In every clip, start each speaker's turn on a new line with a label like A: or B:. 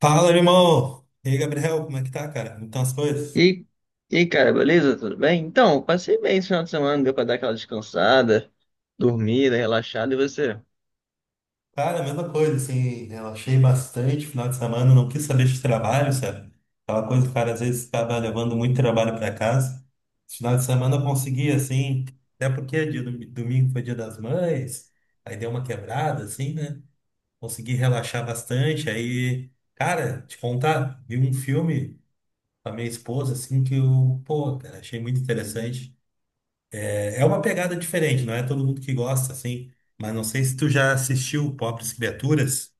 A: Fala, irmão! E aí, Gabriel, como é que tá, cara? Como estão as coisas?
B: E, e aí, cara, beleza? Tudo bem? Então, eu passei bem esse final de semana, deu pra dar aquela descansada, dormida, relaxada, e você?
A: Cara, a mesma coisa, assim, relaxei bastante final de semana, não quis saber de trabalho, sabe? Aquela coisa que o cara às vezes estava levando muito trabalho para casa. Esse final de semana eu consegui, assim, até porque é domingo foi dia das mães, aí deu uma quebrada, assim, né? Consegui relaxar bastante, aí, cara, te contar, vi um filme com a minha esposa, assim, que eu, pô, cara, achei muito interessante. É uma pegada diferente, não é todo mundo que gosta, assim. Mas não sei se tu já assistiu Pobres Criaturas.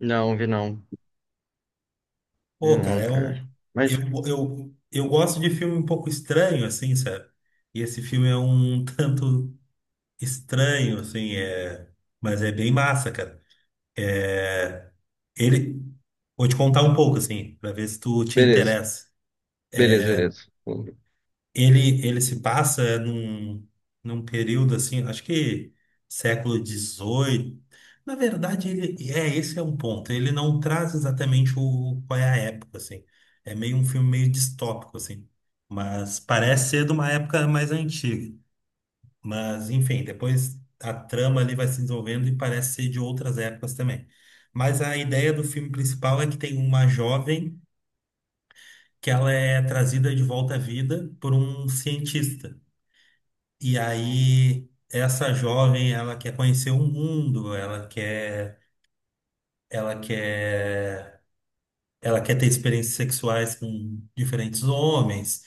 B: Não, vi não. Vi
A: Pô, cara,
B: não,
A: é
B: cara.
A: um. Eu,
B: Mas,
A: eu gosto de filme um pouco estranho, assim, sabe? E esse filme é um tanto estranho, assim, mas é bem massa, cara. Ele. Vou te contar um pouco, assim, pra ver se tu te
B: beleza,
A: interessa.
B: beleza.
A: Ele se passa num período assim, acho que século dezoito. Na verdade, ele é esse é um ponto. Ele não traz exatamente o qual é a época, assim. É meio um filme meio distópico, assim. Mas parece ser de uma época mais antiga. Mas, enfim, depois a trama ali vai se desenvolvendo e parece ser de outras épocas também. Mas a ideia do filme principal é que tem uma jovem que ela é trazida de volta à vida por um cientista. E aí, essa jovem, ela quer conhecer o mundo, ela quer, ela quer ter experiências sexuais com diferentes homens.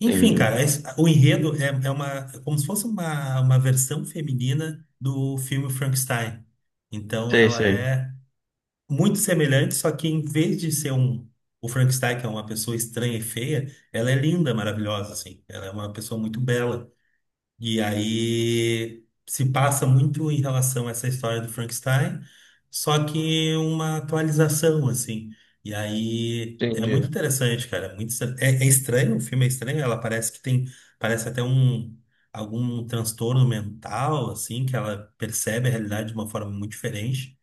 A: Enfim,
B: Entendi.
A: cara, o enredo é, é como se fosse uma versão feminina do filme Frankenstein. Então,
B: Sei,
A: ela
B: sei.
A: é muito semelhante, só que em vez de ser um, o Frankenstein, que é uma pessoa estranha e feia, ela é linda, maravilhosa, assim. Ela é uma pessoa muito bela. E aí se passa muito em relação a essa história do Frankenstein, só que uma atualização, assim. E aí é muito
B: Entendi.
A: interessante, cara. Muito, é, é estranho, o filme é estranho, ela parece que tem, parece até um algum transtorno mental, assim, que ela percebe a realidade de uma forma muito diferente.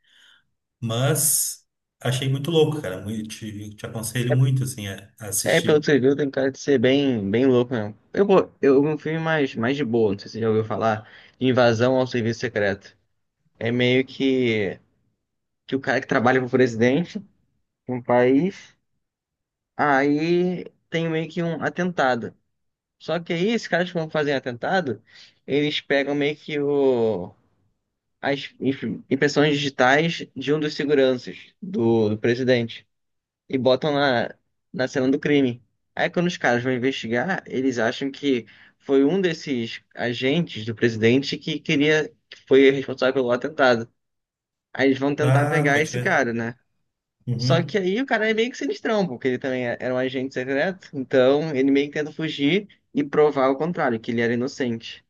A: Mas achei muito louco, cara. Muito, te aconselho
B: É,
A: muito, assim, a
B: é, pelo que
A: assistir.
B: você viu, tem cara de ser bem louco mesmo. Eu vi um filme mais de boa, não sei se você já ouviu falar, Invasão ao Serviço Secreto. É que o cara que trabalha pro presidente de um país, aí tem meio que um atentado. Só que aí, esses caras que vão fazer atentado, eles pegam as impressões digitais de um dos seguranças do presidente e botam na cena do crime. Aí, quando os caras vão investigar, eles acham que foi um desses agentes do presidente que foi responsável pelo atentado. Aí eles vão tentar
A: Ah,
B: pegar
A: pode
B: esse
A: ver.
B: cara, né? Só que
A: Uhum.
B: aí o cara é meio que sinistrão, porque ele também era um agente secreto, então ele meio que tenta fugir e provar o contrário, que ele era inocente.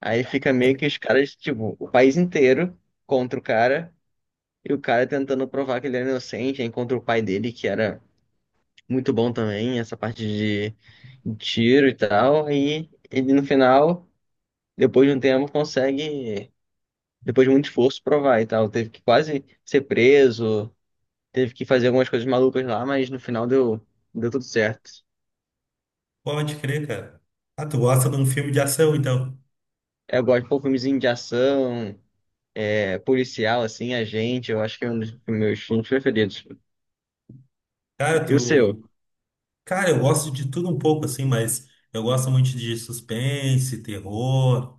B: Aí fica meio que os caras, tipo, o país inteiro contra o cara, e o cara tentando provar que ele era inocente, aí contra o pai dele, que era muito bom também, essa parte de de tiro e tal. Aí ele no final, depois de um tempo, depois de muito esforço, provar e tal. Teve que quase ser preso, teve que fazer algumas coisas malucas lá, mas no final deu tudo certo.
A: Pode crer, cara. Ah, tu gosta de um filme de ação, então.
B: Eu gosto de pôr filmezinho de ação. É, policial, assim, agente, eu acho que é um dos meus filmes preferidos.
A: Cara,
B: E o seu?
A: tu. Cara, eu gosto de tudo um pouco, assim, mas eu gosto muito de suspense, terror.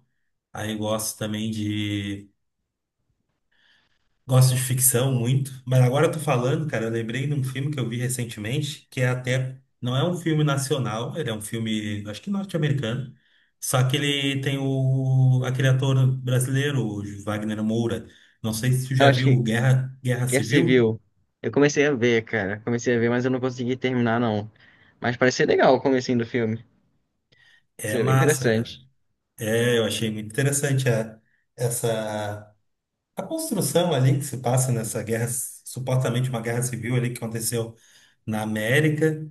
A: Aí gosto também de. Gosto de ficção muito. Mas agora eu tô falando, cara, eu lembrei de um filme que eu vi recentemente, que é até. Não é um filme nacional, ele é um filme, acho que norte-americano. Só que ele tem o. Aquele ator brasileiro, o Wagner Moura. Não sei se tu
B: Eu
A: já
B: acho
A: viu
B: que
A: Guerra
B: Guerra
A: Civil.
B: Civil. Eu comecei a ver, cara. Comecei a ver, mas eu não consegui terminar, não. Mas parece ser legal o comecinho do filme. Isso
A: É
B: é bem
A: massa, cara.
B: interessante.
A: É, eu achei muito interessante essa a construção ali que se passa nessa guerra, supostamente uma guerra civil ali que aconteceu na América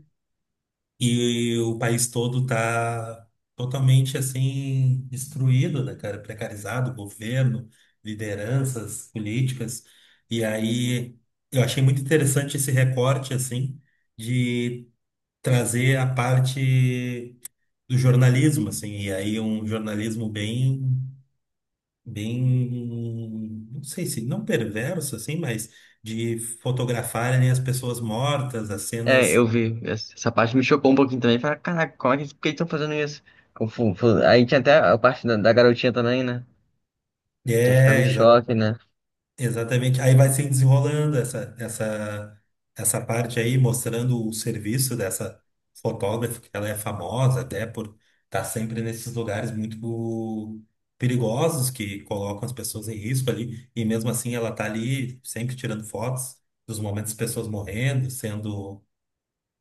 A: e, o país todo tá totalmente assim destruído, né, cara? Precarizado, governo, lideranças políticas. E aí eu achei muito interessante esse recorte assim de trazer a parte do jornalismo, assim, e aí um jornalismo bem, não sei se não perverso assim, mas de fotografarem as pessoas mortas, as
B: É,
A: cenas.
B: eu vi. Essa parte me chocou um pouquinho também. Falei, caraca, por que eles estão fazendo isso? Aí tinha até a parte da garotinha também, né? Que ficava
A: É,
B: em
A: exa
B: choque, né?
A: Exatamente. Aí vai se desenrolando essa parte aí mostrando o serviço dessa fotógrafa, que ela é famosa até por estar sempre nesses lugares muito perigosos que colocam as pessoas em risco ali, e mesmo assim ela tá ali sempre tirando fotos dos momentos das pessoas morrendo, sendo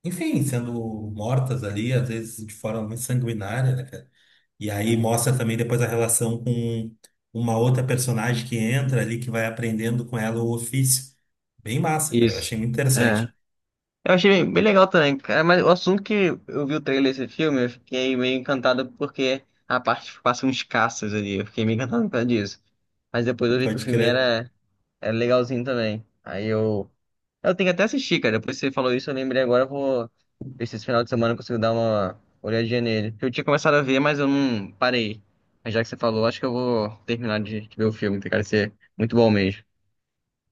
A: enfim, sendo mortas ali, às vezes de forma muito sanguinária, né, cara? E aí mostra também depois a relação com uma outra personagem que entra ali, que vai aprendendo com ela o ofício. Bem massa, cara. Eu achei
B: Isso.
A: muito
B: É.
A: interessante.
B: Eu achei bem legal também, cara, mas o assunto que eu vi o trailer desse filme, eu fiquei meio encantado porque a parte que passa uns caças ali, eu fiquei meio encantado por causa disso. Mas depois eu vi que
A: Pode crer.
B: era legalzinho também. Aí eu. Eu tenho que até assistir, cara. Depois que você falou isso, eu lembrei agora, eu vou ver se esse final de semana eu consigo dar uma olhadinha nele. Eu tinha começado a ver, mas eu não parei. Mas já que você falou, acho que eu vou terminar de ver o filme, tem cara de ser muito bom mesmo.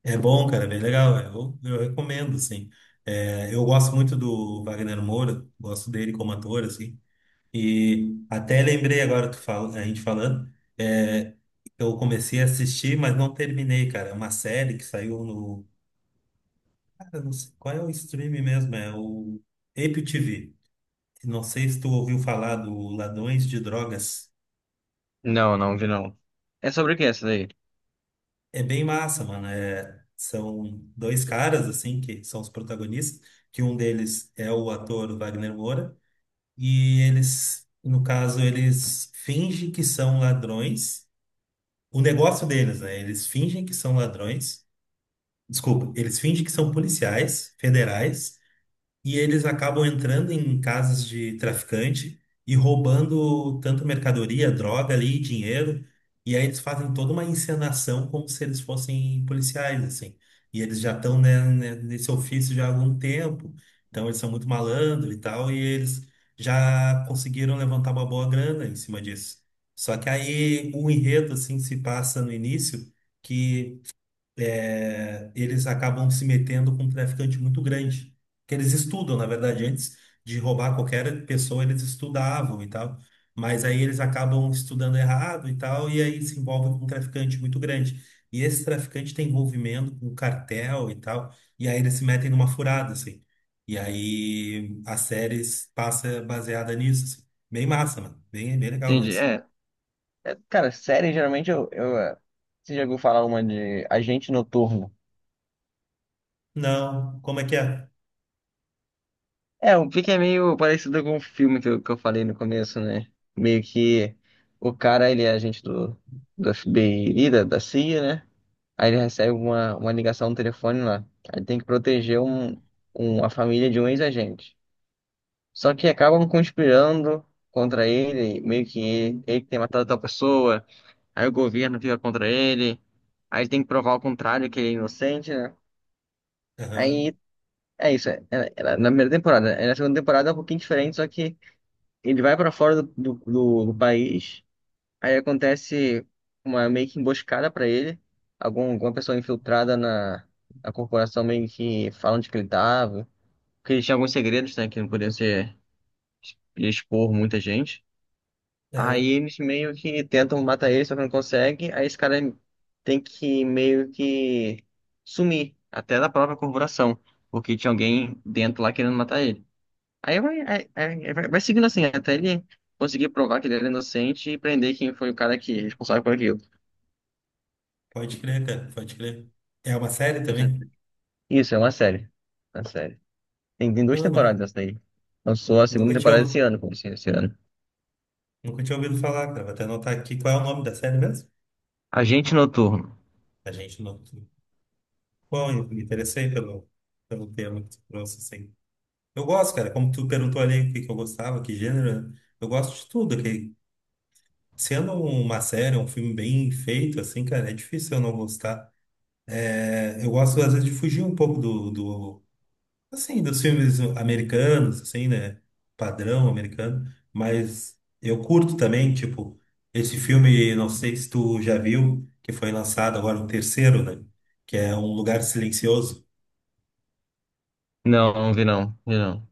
A: É bom, cara, é bem legal. É, eu recomendo, assim. É, eu gosto muito do Wagner Moura, gosto dele como ator, assim. E até lembrei agora, a gente falando, é, eu comecei a assistir, mas não terminei, cara. É uma série que saiu. Cara, não sei qual é o stream mesmo, é o Apple TV. Não sei se tu ouviu falar do Ladrões de Drogas.
B: Não, não vi não. É sobre o que essa daí?
A: É bem massa, mano. É, são dois caras, assim, que são os protagonistas, que um deles é o ator Wagner Moura, e eles, no caso, eles fingem que são ladrões. O negócio deles, né? Eles fingem que são ladrões. Desculpa, eles fingem que são policiais federais e eles acabam entrando em casas de traficante e roubando tanto mercadoria, droga ali, dinheiro, e aí eles fazem toda uma encenação como se eles fossem policiais, assim. E eles já estão, nesse ofício já há algum tempo, então eles são muito malandros e tal, e eles já conseguiram levantar uma boa grana em cima disso. Só que aí o enredo, assim, se passa no início que é, eles acabam se metendo com um traficante muito grande, que eles estudam, na verdade, antes de roubar qualquer pessoa, eles estudavam e tal, mas aí eles acabam estudando errado e tal, e aí se envolvem com um traficante muito grande. E esse traficante tem envolvimento com cartel e tal, e aí eles se metem numa furada, assim. E aí a série passa baseada nisso, assim. Bem massa, mano. Bem legal
B: Entendi.
A: mesmo.
B: É. É, cara, série, geralmente você já ouviu falar uma de Agente Noturno?
A: Não, como é que é?
B: É, o que que é meio parecido com o filme que eu falei no começo, né? Meio que o cara, ele é agente do FBI, da CIA, né? Aí ele recebe uma ligação no telefone lá. Aí tem que proteger a família de um ex-agente. Só que acabam conspirando contra ele, meio que ele que tem matado tal pessoa, aí o governo fica contra ele, aí ele tem que provar o contrário, que ele é inocente, né?
A: Aham,
B: Aí é isso. Era, era na primeira temporada. Aí na segunda temporada é um pouquinho diferente, só que ele vai pra fora do país. Aí acontece uma meio que emboscada pra ele. Alguma pessoa infiltrada na corporação meio que fala onde que ele tava. Porque ele tinha alguns segredos, né? Que não podia expor muita gente. Aí
A: aham.
B: eles meio que tentam matar ele, só que não consegue. Aí esse cara tem que meio que sumir até da própria corporação. Porque tinha alguém dentro lá querendo matar ele. Aí vai seguindo assim, até ele conseguir provar que ele era inocente e prender quem foi o cara que é responsável por aquilo.
A: Pode crer, cara, pode crer. É uma série também?
B: Isso, é uma série. É uma série. Tem duas
A: Não,
B: temporadas
A: nu-
B: essa daí. Lançou a
A: nunca
B: segunda
A: tinha,
B: temporada esse ano, como assim, esse ano.
A: nunca tinha ouvido falar, cara. Vou até anotar aqui qual é o nome da série mesmo.
B: Agente Noturno.
A: A gente não. Bom, eu me interessei pelo tema que tu trouxe, assim. Eu gosto, cara, como tu perguntou ali o que que eu gostava, que gênero, né? Eu gosto de tudo, que sendo uma série, um filme bem feito, assim, cara, é difícil eu não gostar. É, eu gosto, às vezes, de fugir um pouco do, do assim, dos filmes americanos, assim, né? Padrão americano. Mas eu curto também, tipo, esse filme, não sei se tu já viu, que foi lançado agora o terceiro, né? Que é Um Lugar Silencioso.
B: Não, não vi não, vi não.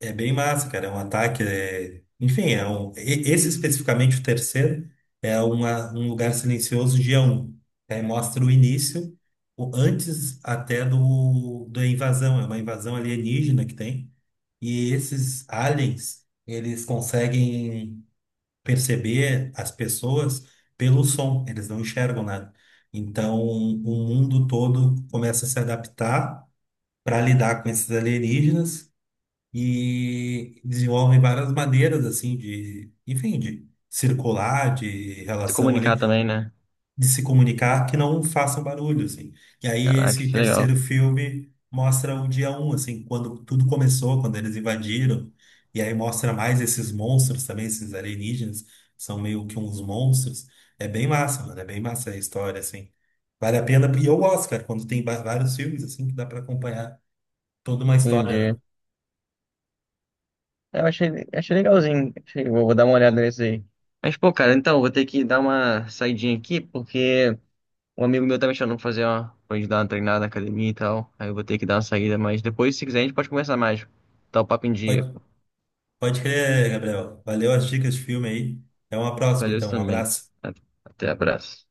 A: É bem massa, cara. É um ataque. Enfim, esse especificamente, o terceiro, um lugar silencioso dia um. Aí mostra o início, o antes até da invasão. É uma invasão alienígena que tem. E esses aliens, eles conseguem perceber as pessoas pelo som, eles não enxergam nada. Então, o mundo todo começa a se adaptar para lidar com esses alienígenas e desenvolvem várias maneiras assim de, enfim, de circular, de
B: Se
A: relação
B: comunicar
A: ali
B: também, né?
A: de se comunicar que não façam barulho, assim. E aí
B: Caraca,
A: esse
B: que legal.
A: terceiro filme mostra o dia um, assim, quando tudo começou, quando eles invadiram, e aí mostra mais esses monstros também, esses alienígenas, são meio que uns monstros. É bem massa, mano, é bem massa a história, assim. Vale a pena, e eu gosto, cara, quando tem vários filmes, assim, que dá pra acompanhar toda uma história, né?
B: Entendi. É, eu achei legalzinho. Vou dar uma olhada nesse aí. Mas, pô, cara, então, vou ter que dar uma saidinha aqui, porque um amigo meu tá me chamando pra fazer pra gente dar uma treinada na academia e tal. Aí eu vou ter que dar uma saída, mas depois, se quiser, a gente pode conversar mais. Tá o papo em dia.
A: Pode, pode crer, Gabriel. Valeu as dicas de filme aí. Até uma próxima,
B: Valeu você
A: então. Um
B: também.
A: abraço.
B: Até abraço.